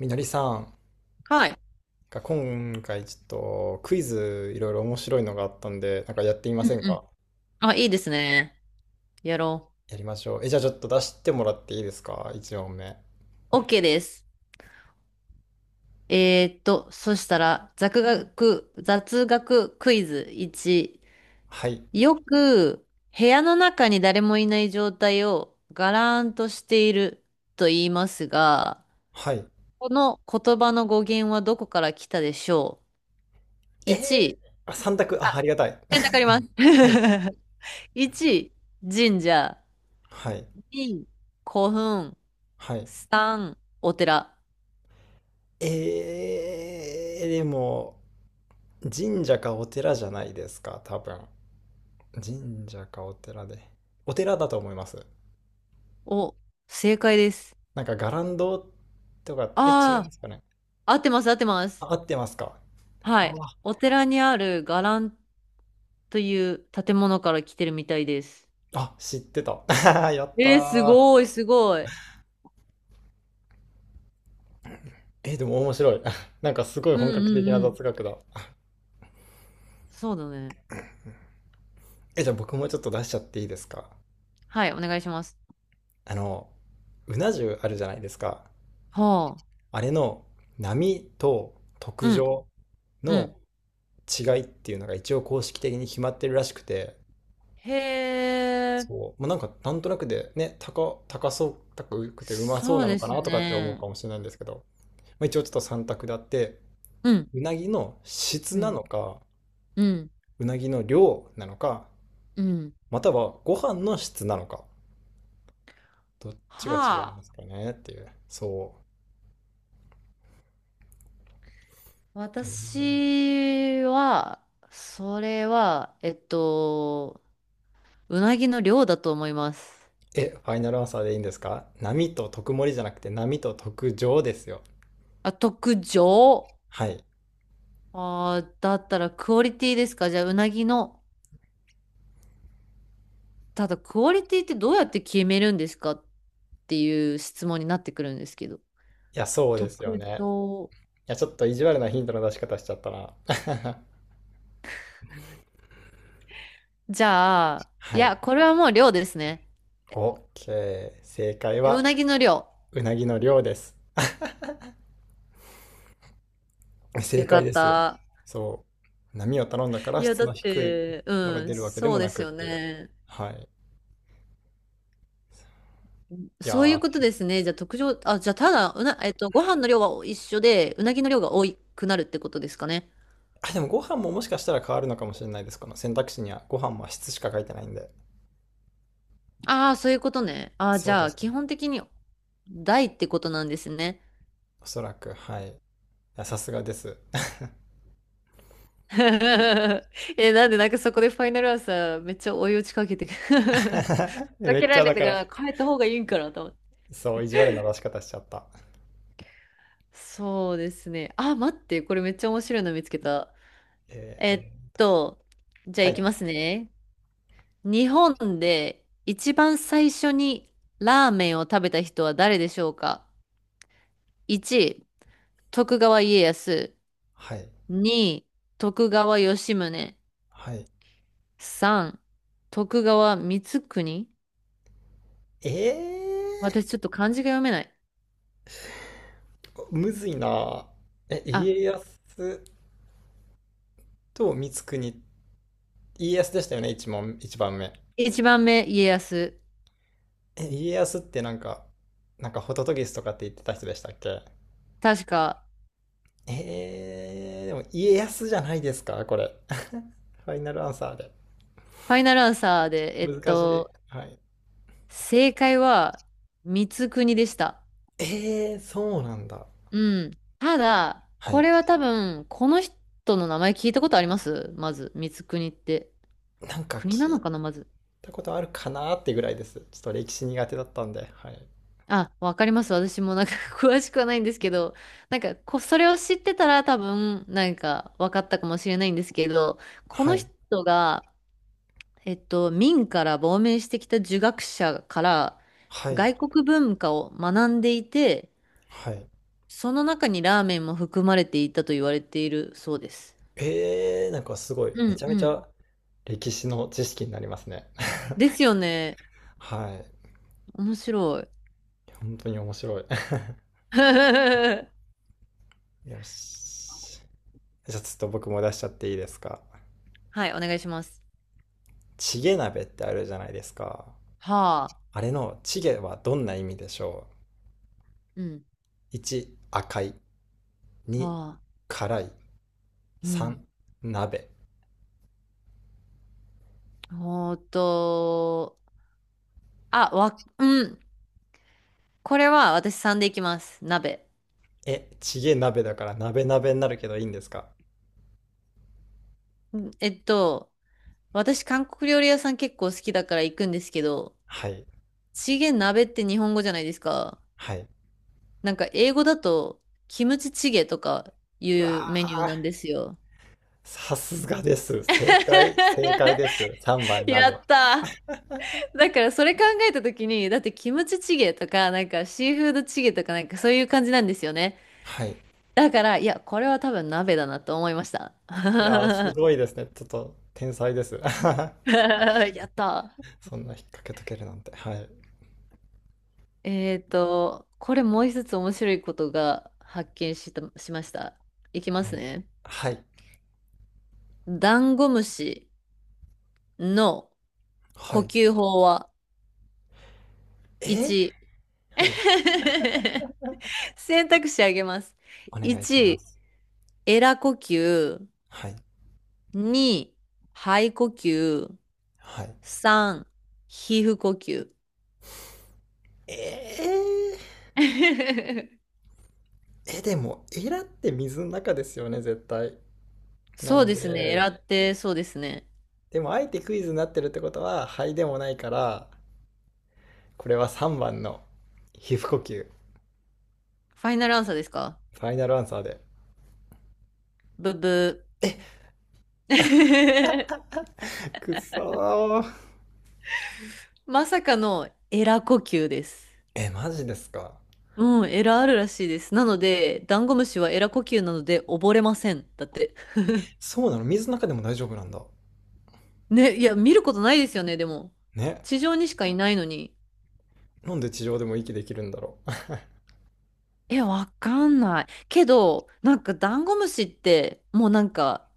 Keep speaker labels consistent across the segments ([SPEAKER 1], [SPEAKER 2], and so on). [SPEAKER 1] みのりさん、
[SPEAKER 2] はい。
[SPEAKER 1] が今回ちょっとクイズいろいろ面白いのがあったんで、なんかやってみま
[SPEAKER 2] うん
[SPEAKER 1] せん
[SPEAKER 2] う
[SPEAKER 1] か？
[SPEAKER 2] ん。あ、いいですね。やろ
[SPEAKER 1] やりましょう。え、じゃあちょっと出してもらっていいですか？ 1 問目。
[SPEAKER 2] う。OK です。そしたら、雑学クイズ1。
[SPEAKER 1] はい。
[SPEAKER 2] よく、部屋の中に誰もいない状態をガラーンとしていると言いますが、
[SPEAKER 1] はい。
[SPEAKER 2] この言葉の語源はどこから来たでしょう？
[SPEAKER 1] え
[SPEAKER 2] 1、
[SPEAKER 1] あ、3択。あ、ありがたい。
[SPEAKER 2] 選 択あります。
[SPEAKER 1] はい。
[SPEAKER 2] 1、神社。
[SPEAKER 1] はい。
[SPEAKER 2] 2、古墳。
[SPEAKER 1] はい。
[SPEAKER 2] 3、お寺。
[SPEAKER 1] でも、神社かお寺じゃないですか、多分。神社かお寺で。お寺だと思います。
[SPEAKER 2] お、正解です。
[SPEAKER 1] なんか、伽藍堂とか、違いま
[SPEAKER 2] あ
[SPEAKER 1] すかね？
[SPEAKER 2] あ、合ってます、合ってます。
[SPEAKER 1] あ、合ってますか？
[SPEAKER 2] は
[SPEAKER 1] あ
[SPEAKER 2] い。お寺にある伽藍という建物から来てるみたいです。
[SPEAKER 1] あ、知ってた。やった
[SPEAKER 2] えー、す
[SPEAKER 1] ー。
[SPEAKER 2] ごい、すごい。
[SPEAKER 1] え、でも面白い。なんかすごい
[SPEAKER 2] うん
[SPEAKER 1] 本
[SPEAKER 2] う
[SPEAKER 1] 格的な
[SPEAKER 2] んうん。
[SPEAKER 1] 雑学だ。
[SPEAKER 2] そうだね。
[SPEAKER 1] え、じゃあ僕もちょっと出しちゃっていいですか？
[SPEAKER 2] はい、お願いします。
[SPEAKER 1] あの、うな重あるじゃないですか。
[SPEAKER 2] はあ。
[SPEAKER 1] あれの波と特
[SPEAKER 2] うん、
[SPEAKER 1] 上
[SPEAKER 2] う
[SPEAKER 1] の
[SPEAKER 2] ん。
[SPEAKER 1] 違いっていうのが一応公式的に決まってるらしくて、
[SPEAKER 2] へえ、
[SPEAKER 1] そう、まあなんかなんとなくでね、高そう、高くてうまそう
[SPEAKER 2] そう
[SPEAKER 1] なの
[SPEAKER 2] で
[SPEAKER 1] かな
[SPEAKER 2] す
[SPEAKER 1] とかって思う
[SPEAKER 2] ね。
[SPEAKER 1] かもしれないんですけど、まあ、一応ちょっと三択であって、
[SPEAKER 2] うん、
[SPEAKER 1] うなぎの質
[SPEAKER 2] う
[SPEAKER 1] な
[SPEAKER 2] ん、
[SPEAKER 1] のか、
[SPEAKER 2] うん、
[SPEAKER 1] うなぎの量なのか、
[SPEAKER 2] うん。
[SPEAKER 1] またはご飯の質なのか。どっちが違い
[SPEAKER 2] は
[SPEAKER 1] ます
[SPEAKER 2] あ。
[SPEAKER 1] かねっていう。そう。
[SPEAKER 2] 私は、それは、うなぎの量だと思います。
[SPEAKER 1] え、ファイナルアンサーでいいんですか？波と特盛りじゃなくて波と特上ですよ。
[SPEAKER 2] あ、特上。
[SPEAKER 1] はい。い
[SPEAKER 2] ああ、だったらクオリティですか？じゃあ、うなぎの。ただ、クオリティってどうやって決めるんですかっていう質問になってくるんですけど。
[SPEAKER 1] や、そうですよ
[SPEAKER 2] 特
[SPEAKER 1] ね。
[SPEAKER 2] 徴。
[SPEAKER 1] いや、ちょっと意地悪なヒントの出し方しちゃったな。
[SPEAKER 2] じゃあ、い
[SPEAKER 1] は
[SPEAKER 2] や、
[SPEAKER 1] い。
[SPEAKER 2] これはもう量ですね。
[SPEAKER 1] OK。正解
[SPEAKER 2] う
[SPEAKER 1] は、
[SPEAKER 2] なぎの量。
[SPEAKER 1] うなぎの量です。正
[SPEAKER 2] よか
[SPEAKER 1] 解で
[SPEAKER 2] っ
[SPEAKER 1] す。
[SPEAKER 2] た。
[SPEAKER 1] そう。波を頼んだか
[SPEAKER 2] い
[SPEAKER 1] ら
[SPEAKER 2] や、
[SPEAKER 1] 質
[SPEAKER 2] だっ
[SPEAKER 1] の低い
[SPEAKER 2] て、
[SPEAKER 1] のが
[SPEAKER 2] う
[SPEAKER 1] 出
[SPEAKER 2] ん、
[SPEAKER 1] るわけで
[SPEAKER 2] そ
[SPEAKER 1] も
[SPEAKER 2] うで
[SPEAKER 1] な
[SPEAKER 2] す
[SPEAKER 1] くっ
[SPEAKER 2] よ
[SPEAKER 1] ていう。
[SPEAKER 2] ね。
[SPEAKER 1] はい。いや
[SPEAKER 2] そういう
[SPEAKER 1] ー。
[SPEAKER 2] ことですね。じゃあ、特徴、あ、じゃあ、ただ、うな、えっと、ご飯の量は一緒で、うなぎの量が多くなるってことですかね。
[SPEAKER 1] あ、でもご飯ももしかしたら変わるのかもしれないです。この選択肢にはご飯も質しか書いてないんで。
[SPEAKER 2] ああ、そういうことね。ああ、じ
[SPEAKER 1] そう
[SPEAKER 2] ゃ
[SPEAKER 1] で
[SPEAKER 2] あ、
[SPEAKER 1] す
[SPEAKER 2] 基
[SPEAKER 1] ね。
[SPEAKER 2] 本的に大ってことなんですね。
[SPEAKER 1] おそらく。はい。いや、さすがです。
[SPEAKER 2] え、なんでなんかそこでファイナルアンサーめっちゃ追い打ちかけてく、 か
[SPEAKER 1] め
[SPEAKER 2] け
[SPEAKER 1] っち
[SPEAKER 2] ら
[SPEAKER 1] ゃ、
[SPEAKER 2] れ
[SPEAKER 1] だ
[SPEAKER 2] て
[SPEAKER 1] か
[SPEAKER 2] か
[SPEAKER 1] ら
[SPEAKER 2] ら変えた方がいいんかなと思って。
[SPEAKER 1] そう、意地悪な出し方しちゃった。
[SPEAKER 2] そうですね。あ、待って、これめっちゃ面白いの見つけた。え
[SPEAKER 1] え
[SPEAKER 2] っ
[SPEAKER 1] ー、
[SPEAKER 2] と、じゃあ
[SPEAKER 1] は
[SPEAKER 2] 行き
[SPEAKER 1] い
[SPEAKER 2] ますね。日本で一番最初にラーメンを食べた人は誰でしょうか？ 1、徳川家康。
[SPEAKER 1] はい
[SPEAKER 2] 2、徳川吉宗。
[SPEAKER 1] はい。
[SPEAKER 2] 3、徳川光圀。
[SPEAKER 1] えー、
[SPEAKER 2] 私ちょっと漢字が読めない。
[SPEAKER 1] むずいな。え、
[SPEAKER 2] あ、
[SPEAKER 1] 家康と光国。家康でしたよね、一問一番目。
[SPEAKER 2] 一番目、家康。
[SPEAKER 1] え、家康ってなんか、なんかホトトギスとかって言ってた人でしたっけ？
[SPEAKER 2] 確か、
[SPEAKER 1] でも家康じゃないですか、これ。ファイナルアンサーで。
[SPEAKER 2] ファイナルアンサーで、
[SPEAKER 1] 難しい。はい。
[SPEAKER 2] 正解は、光国でした。
[SPEAKER 1] そうなんだ。
[SPEAKER 2] うん。ただ、
[SPEAKER 1] は
[SPEAKER 2] こ
[SPEAKER 1] い。
[SPEAKER 2] れは多分、この人の名前聞いたことありますまず、光国って。
[SPEAKER 1] なんか
[SPEAKER 2] 国な
[SPEAKER 1] 聞
[SPEAKER 2] の
[SPEAKER 1] い
[SPEAKER 2] かなまず。
[SPEAKER 1] たことあるかなってぐらいです。ちょっと歴史苦手だったんで。はい。
[SPEAKER 2] あ、わかります。私もなんか 詳しくはないんですけど、なんか、それを知ってたら多分、なんか、わかったかもしれないんですけど、こ
[SPEAKER 1] は
[SPEAKER 2] の
[SPEAKER 1] い。
[SPEAKER 2] 人が、明から亡命してきた儒学者から
[SPEAKER 1] はい。
[SPEAKER 2] 外国文化を学んでいて、
[SPEAKER 1] はい。
[SPEAKER 2] その中にラーメンも含まれていたと言われているそうです。
[SPEAKER 1] なんかすごい。
[SPEAKER 2] う
[SPEAKER 1] め
[SPEAKER 2] ん
[SPEAKER 1] ちゃめ
[SPEAKER 2] う
[SPEAKER 1] ち
[SPEAKER 2] ん。
[SPEAKER 1] ゃ歴史の知識になりますね。
[SPEAKER 2] ですよね。
[SPEAKER 1] はい。
[SPEAKER 2] 面白い。
[SPEAKER 1] 本当に面白い。
[SPEAKER 2] は
[SPEAKER 1] よし。じゃあちょっと僕も出しちゃっていいですか？
[SPEAKER 2] い、お願いします。
[SPEAKER 1] チゲ鍋ってあるじゃないですか。
[SPEAKER 2] はあ。
[SPEAKER 1] あれのチゲはどんな意味でしょ
[SPEAKER 2] うん。
[SPEAKER 1] う？ 1、赤い。2、
[SPEAKER 2] はあ。
[SPEAKER 1] 辛い。
[SPEAKER 2] うん。
[SPEAKER 1] 3、鍋。
[SPEAKER 2] ほーと、あ、うん。これは私さんでいきます。鍋。
[SPEAKER 1] え、チゲ鍋だから鍋鍋になるけどいいんですか？
[SPEAKER 2] うん私韓国料理屋さん結構好きだから行くんですけど、
[SPEAKER 1] はい。
[SPEAKER 2] チゲ鍋って日本語じゃないですか。
[SPEAKER 1] はい。
[SPEAKER 2] なんか英語だとキムチチゲとかい
[SPEAKER 1] うわ
[SPEAKER 2] うメニュー
[SPEAKER 1] ー、
[SPEAKER 2] なんですよ。
[SPEAKER 1] さすがです。正解、正解 です。3番
[SPEAKER 2] や
[SPEAKER 1] 鍋。
[SPEAKER 2] ったー。だからそれ考えた時に、だってキムチチゲとか、なんかシーフードチゲとかなんかそういう感じなんですよね。
[SPEAKER 1] はい。
[SPEAKER 2] だから、いや、これは多分鍋だなと思いました。
[SPEAKER 1] いやー、す ごいですね。ちょっと天才です。
[SPEAKER 2] やったー。
[SPEAKER 1] そんな引っ掛けとけるなんて。はい。
[SPEAKER 2] これもう一つ面白いことが発見した、しました。いきます
[SPEAKER 1] お、
[SPEAKER 2] ね。
[SPEAKER 1] はい。
[SPEAKER 2] ダンゴムシの
[SPEAKER 1] は
[SPEAKER 2] 呼
[SPEAKER 1] い。
[SPEAKER 2] 吸法は
[SPEAKER 1] えー
[SPEAKER 2] 1、
[SPEAKER 1] はい。
[SPEAKER 2] 選択肢あげます。
[SPEAKER 1] お願いしま
[SPEAKER 2] 1、
[SPEAKER 1] す。
[SPEAKER 2] エラ呼吸。
[SPEAKER 1] はい。
[SPEAKER 2] 2、肺呼吸。
[SPEAKER 1] はい。
[SPEAKER 2] 3、皮膚呼吸。
[SPEAKER 1] え え、でも、エラって水の中ですよね、絶対。な
[SPEAKER 2] そう
[SPEAKER 1] ん
[SPEAKER 2] ですね。エ
[SPEAKER 1] で、
[SPEAKER 2] ラって、そうですね。
[SPEAKER 1] でも、あえてクイズになってるってことは、肺でもないから、これは3番の皮膚呼吸、
[SPEAKER 2] ファイナルアンサーですか？
[SPEAKER 1] ファイナルアンサーで。
[SPEAKER 2] ブブ
[SPEAKER 1] え、
[SPEAKER 2] ー。
[SPEAKER 1] くそー。
[SPEAKER 2] まさかのエラ呼吸です。
[SPEAKER 1] え、マジですか。
[SPEAKER 2] うん、エラあるらしいです。なので、ダンゴムシはエラ呼吸なので溺れません。だって。
[SPEAKER 1] そうなの、水の中でも大丈夫なんだ。
[SPEAKER 2] ね、いや、見ることないですよね、でも。
[SPEAKER 1] ね。
[SPEAKER 2] 地上にしかいないのに。
[SPEAKER 1] なんで地上でも息できるんだろう。
[SPEAKER 2] え、わかんない。けど、なんかダンゴムシって、もうなんか、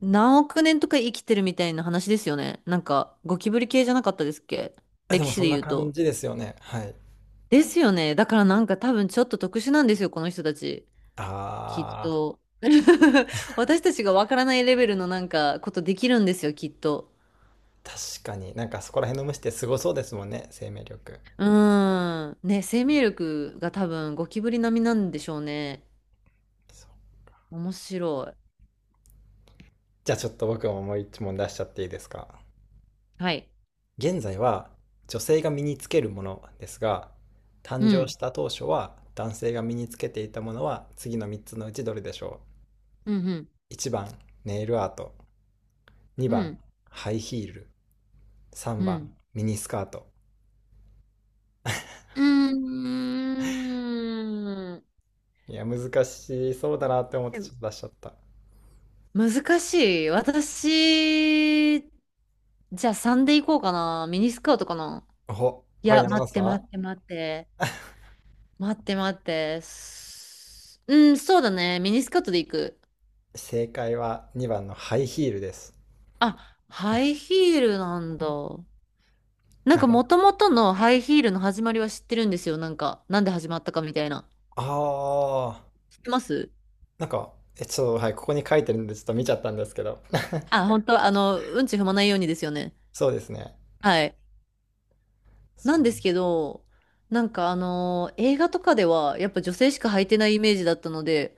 [SPEAKER 2] 何億年とか生きてるみたいな話ですよね。なんか、ゴキブリ系じゃなかったですっけ、
[SPEAKER 1] あ、で
[SPEAKER 2] 歴
[SPEAKER 1] も、
[SPEAKER 2] 史
[SPEAKER 1] そ
[SPEAKER 2] で
[SPEAKER 1] んな
[SPEAKER 2] 言う
[SPEAKER 1] 感
[SPEAKER 2] と。
[SPEAKER 1] じですよね。はい。
[SPEAKER 2] ですよね。だからなんか多分ちょっと特殊なんですよ、この人たち。きっ
[SPEAKER 1] あ
[SPEAKER 2] と。私たちがわからないレベルのなんかことできるんですよ、きっと。
[SPEAKER 1] ー、確かになんかそこら辺の虫ってすごそうですもんね、生命力。
[SPEAKER 2] うーん。ね、生命力が多分ゴキブリ並みなんでしょうね。
[SPEAKER 1] そう。
[SPEAKER 2] 面白い。
[SPEAKER 1] じゃあ、ちょっと僕ももう一問出しちゃっていいですか。
[SPEAKER 2] はい。
[SPEAKER 1] 現在は女性が身につけるものですが、
[SPEAKER 2] う
[SPEAKER 1] 誕生
[SPEAKER 2] ん。
[SPEAKER 1] した当初は男性が身につけていたものは次の3つのうちどれでしょ
[SPEAKER 2] うん。
[SPEAKER 1] う？ 1 番、いちばんネイルアート。
[SPEAKER 2] う
[SPEAKER 1] 2番、
[SPEAKER 2] ん。
[SPEAKER 1] ハイヒール。
[SPEAKER 2] う
[SPEAKER 1] 3番、
[SPEAKER 2] ん。
[SPEAKER 1] ミニスカート。
[SPEAKER 2] うん。うーん。
[SPEAKER 1] いや、難しそうだなって思って
[SPEAKER 2] で
[SPEAKER 1] ち
[SPEAKER 2] も
[SPEAKER 1] ょっと出しちゃった。
[SPEAKER 2] 難しい。私、じゃあ3でいこうかな。ミニスカートかな。い
[SPEAKER 1] はい、
[SPEAKER 2] や、
[SPEAKER 1] 山
[SPEAKER 2] 待
[SPEAKER 1] 本
[SPEAKER 2] っ
[SPEAKER 1] さ
[SPEAKER 2] て
[SPEAKER 1] ん。
[SPEAKER 2] 待って待って。待って。うん、そうだね。ミニスカートでいく。
[SPEAKER 1] 正解は2番のハイヒールです。
[SPEAKER 2] あ、ハイヒールなんだ。なん
[SPEAKER 1] なん
[SPEAKER 2] か
[SPEAKER 1] か、
[SPEAKER 2] もともとのハイヒールの始まりは知ってるんですよ。なんか、なんで始まったかみたいな。
[SPEAKER 1] あー、
[SPEAKER 2] 知ってます？
[SPEAKER 1] なんか、ちょっと、はい、ここに書いてるんで、ちょっと見ちゃったんですけど。
[SPEAKER 2] あ、本当うんち踏まないようにですよね。
[SPEAKER 1] そうですね。
[SPEAKER 2] はい。
[SPEAKER 1] そ
[SPEAKER 2] なんです
[SPEAKER 1] う。
[SPEAKER 2] けど、なんか映画とかでは、やっぱ女性しか履いてないイメージだったので、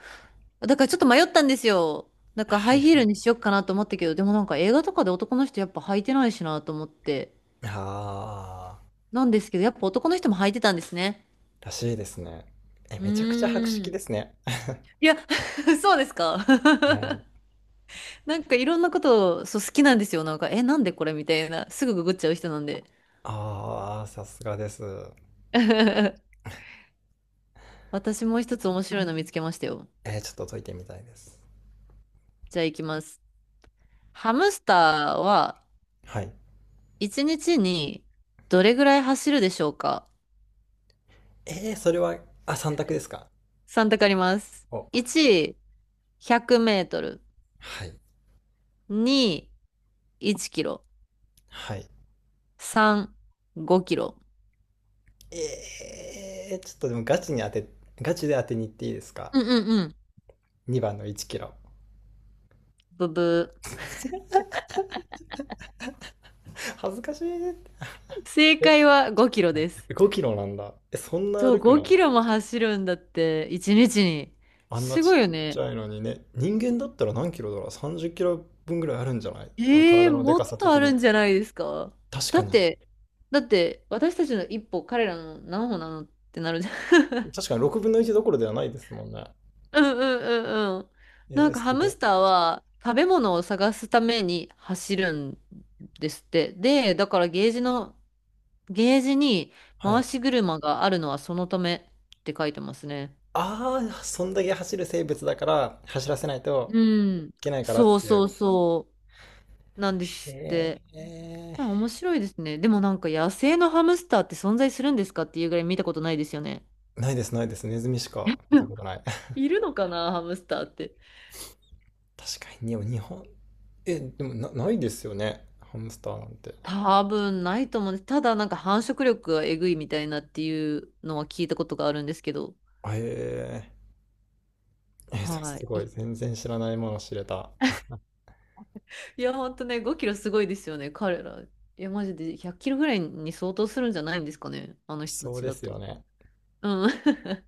[SPEAKER 2] だからちょっと迷ったんですよ。なんかハイヒールにしよっかなと思ったけど、でもなんか映画とかで男の人やっぱ履いてないしなと思って。
[SPEAKER 1] ああ、
[SPEAKER 2] なんですけど、やっぱ男の人も履いてたんですね。
[SPEAKER 1] らしいですね。え、
[SPEAKER 2] う
[SPEAKER 1] めちゃくちゃ博識
[SPEAKER 2] ー
[SPEAKER 1] で
[SPEAKER 2] ん。
[SPEAKER 1] すね。
[SPEAKER 2] いや、そうですか。
[SPEAKER 1] はい。
[SPEAKER 2] なんかいろんなことを、そう、好きなんですよ。なんか、え、なんでこれみたいな。すぐググっちゃう人なんで。
[SPEAKER 1] ああ、さすがです。
[SPEAKER 2] 私もう一つ面白いの見つけましたよ。
[SPEAKER 1] ちょっと解いてみたいです。
[SPEAKER 2] じゃあ行きます。ハムスターは
[SPEAKER 1] はい。
[SPEAKER 2] 1日にどれぐらい走るでしょうか？
[SPEAKER 1] それは、あ、3択ですか？
[SPEAKER 2] 3 択あります。
[SPEAKER 1] お、
[SPEAKER 2] 1、100メートル。
[SPEAKER 1] はい。
[SPEAKER 2] 2、1キロ。
[SPEAKER 1] はい。
[SPEAKER 2] 3、5キロ。
[SPEAKER 1] ちょっとでもガチで当てに行っていいですか？
[SPEAKER 2] うんうんうん。
[SPEAKER 1] 2 番の1キロ。
[SPEAKER 2] ブブー。
[SPEAKER 1] 恥ずかしい。え、
[SPEAKER 2] 正解は5キロです。
[SPEAKER 1] 5キロなんだ。え、そんな
[SPEAKER 2] そう、
[SPEAKER 1] 歩く
[SPEAKER 2] 5
[SPEAKER 1] の？
[SPEAKER 2] キロも走るんだって、1日にちに。
[SPEAKER 1] あんな
[SPEAKER 2] す
[SPEAKER 1] ち
[SPEAKER 2] ご
[SPEAKER 1] っ
[SPEAKER 2] いよ
[SPEAKER 1] ち
[SPEAKER 2] ね。
[SPEAKER 1] ゃいのにね。人間だったら何キロだろう？ 30 キロ分ぐらいあるんじゃない？
[SPEAKER 2] ええ、
[SPEAKER 1] 体ので
[SPEAKER 2] も
[SPEAKER 1] か
[SPEAKER 2] っ
[SPEAKER 1] さ
[SPEAKER 2] とあ
[SPEAKER 1] 的
[SPEAKER 2] る
[SPEAKER 1] に。
[SPEAKER 2] んじゃないですか？
[SPEAKER 1] 確
[SPEAKER 2] だ
[SPEAKER 1] か
[SPEAKER 2] っ
[SPEAKER 1] に。
[SPEAKER 2] て、私たちの一歩、彼らの何歩なのってなるじゃん。
[SPEAKER 1] 確かに6分の1どころではないですもんね。
[SPEAKER 2] うんうんうんうん。なんかハ
[SPEAKER 1] す
[SPEAKER 2] ム
[SPEAKER 1] ご。
[SPEAKER 2] スターは食べ物を探すために走るんですって。で、だからゲージに
[SPEAKER 1] はい。
[SPEAKER 2] 回し車があるのはそのためって書いてますね。
[SPEAKER 1] ああ、そんだけ走る生物だから走らせないと
[SPEAKER 2] うん。
[SPEAKER 1] いけないから
[SPEAKER 2] そう
[SPEAKER 1] ってい
[SPEAKER 2] そ
[SPEAKER 1] う。
[SPEAKER 2] うそう。なんですっ
[SPEAKER 1] へ
[SPEAKER 2] て。
[SPEAKER 1] え。
[SPEAKER 2] まあ面白いですね。でもなんか野生のハムスターって存在するんですかっていうぐらい見たことないですよね。
[SPEAKER 1] ないです、ないです。ネズミしか見
[SPEAKER 2] う
[SPEAKER 1] た
[SPEAKER 2] ん、
[SPEAKER 1] ことない。
[SPEAKER 2] いるのかな、ハムスターって。
[SPEAKER 1] 確かに、に日本、え、でもな、ないですよね。ハムスターなんて。
[SPEAKER 2] 多分ないと思うんです。ただなんか繁殖力がえぐいみたいなっていうのは聞いたことがあるんですけど。
[SPEAKER 1] へえ。
[SPEAKER 2] は
[SPEAKER 1] す
[SPEAKER 2] い。
[SPEAKER 1] ごい。
[SPEAKER 2] い
[SPEAKER 1] 全然知らないもの知れた。
[SPEAKER 2] いや、ほんとね、5キロすごいですよね、彼ら。いや、マジで100キロぐらいに相当するんじゃないんですかね、あの
[SPEAKER 1] し
[SPEAKER 2] 人た
[SPEAKER 1] そう
[SPEAKER 2] ち
[SPEAKER 1] で
[SPEAKER 2] だ
[SPEAKER 1] すよ
[SPEAKER 2] と。
[SPEAKER 1] ね。
[SPEAKER 2] うん。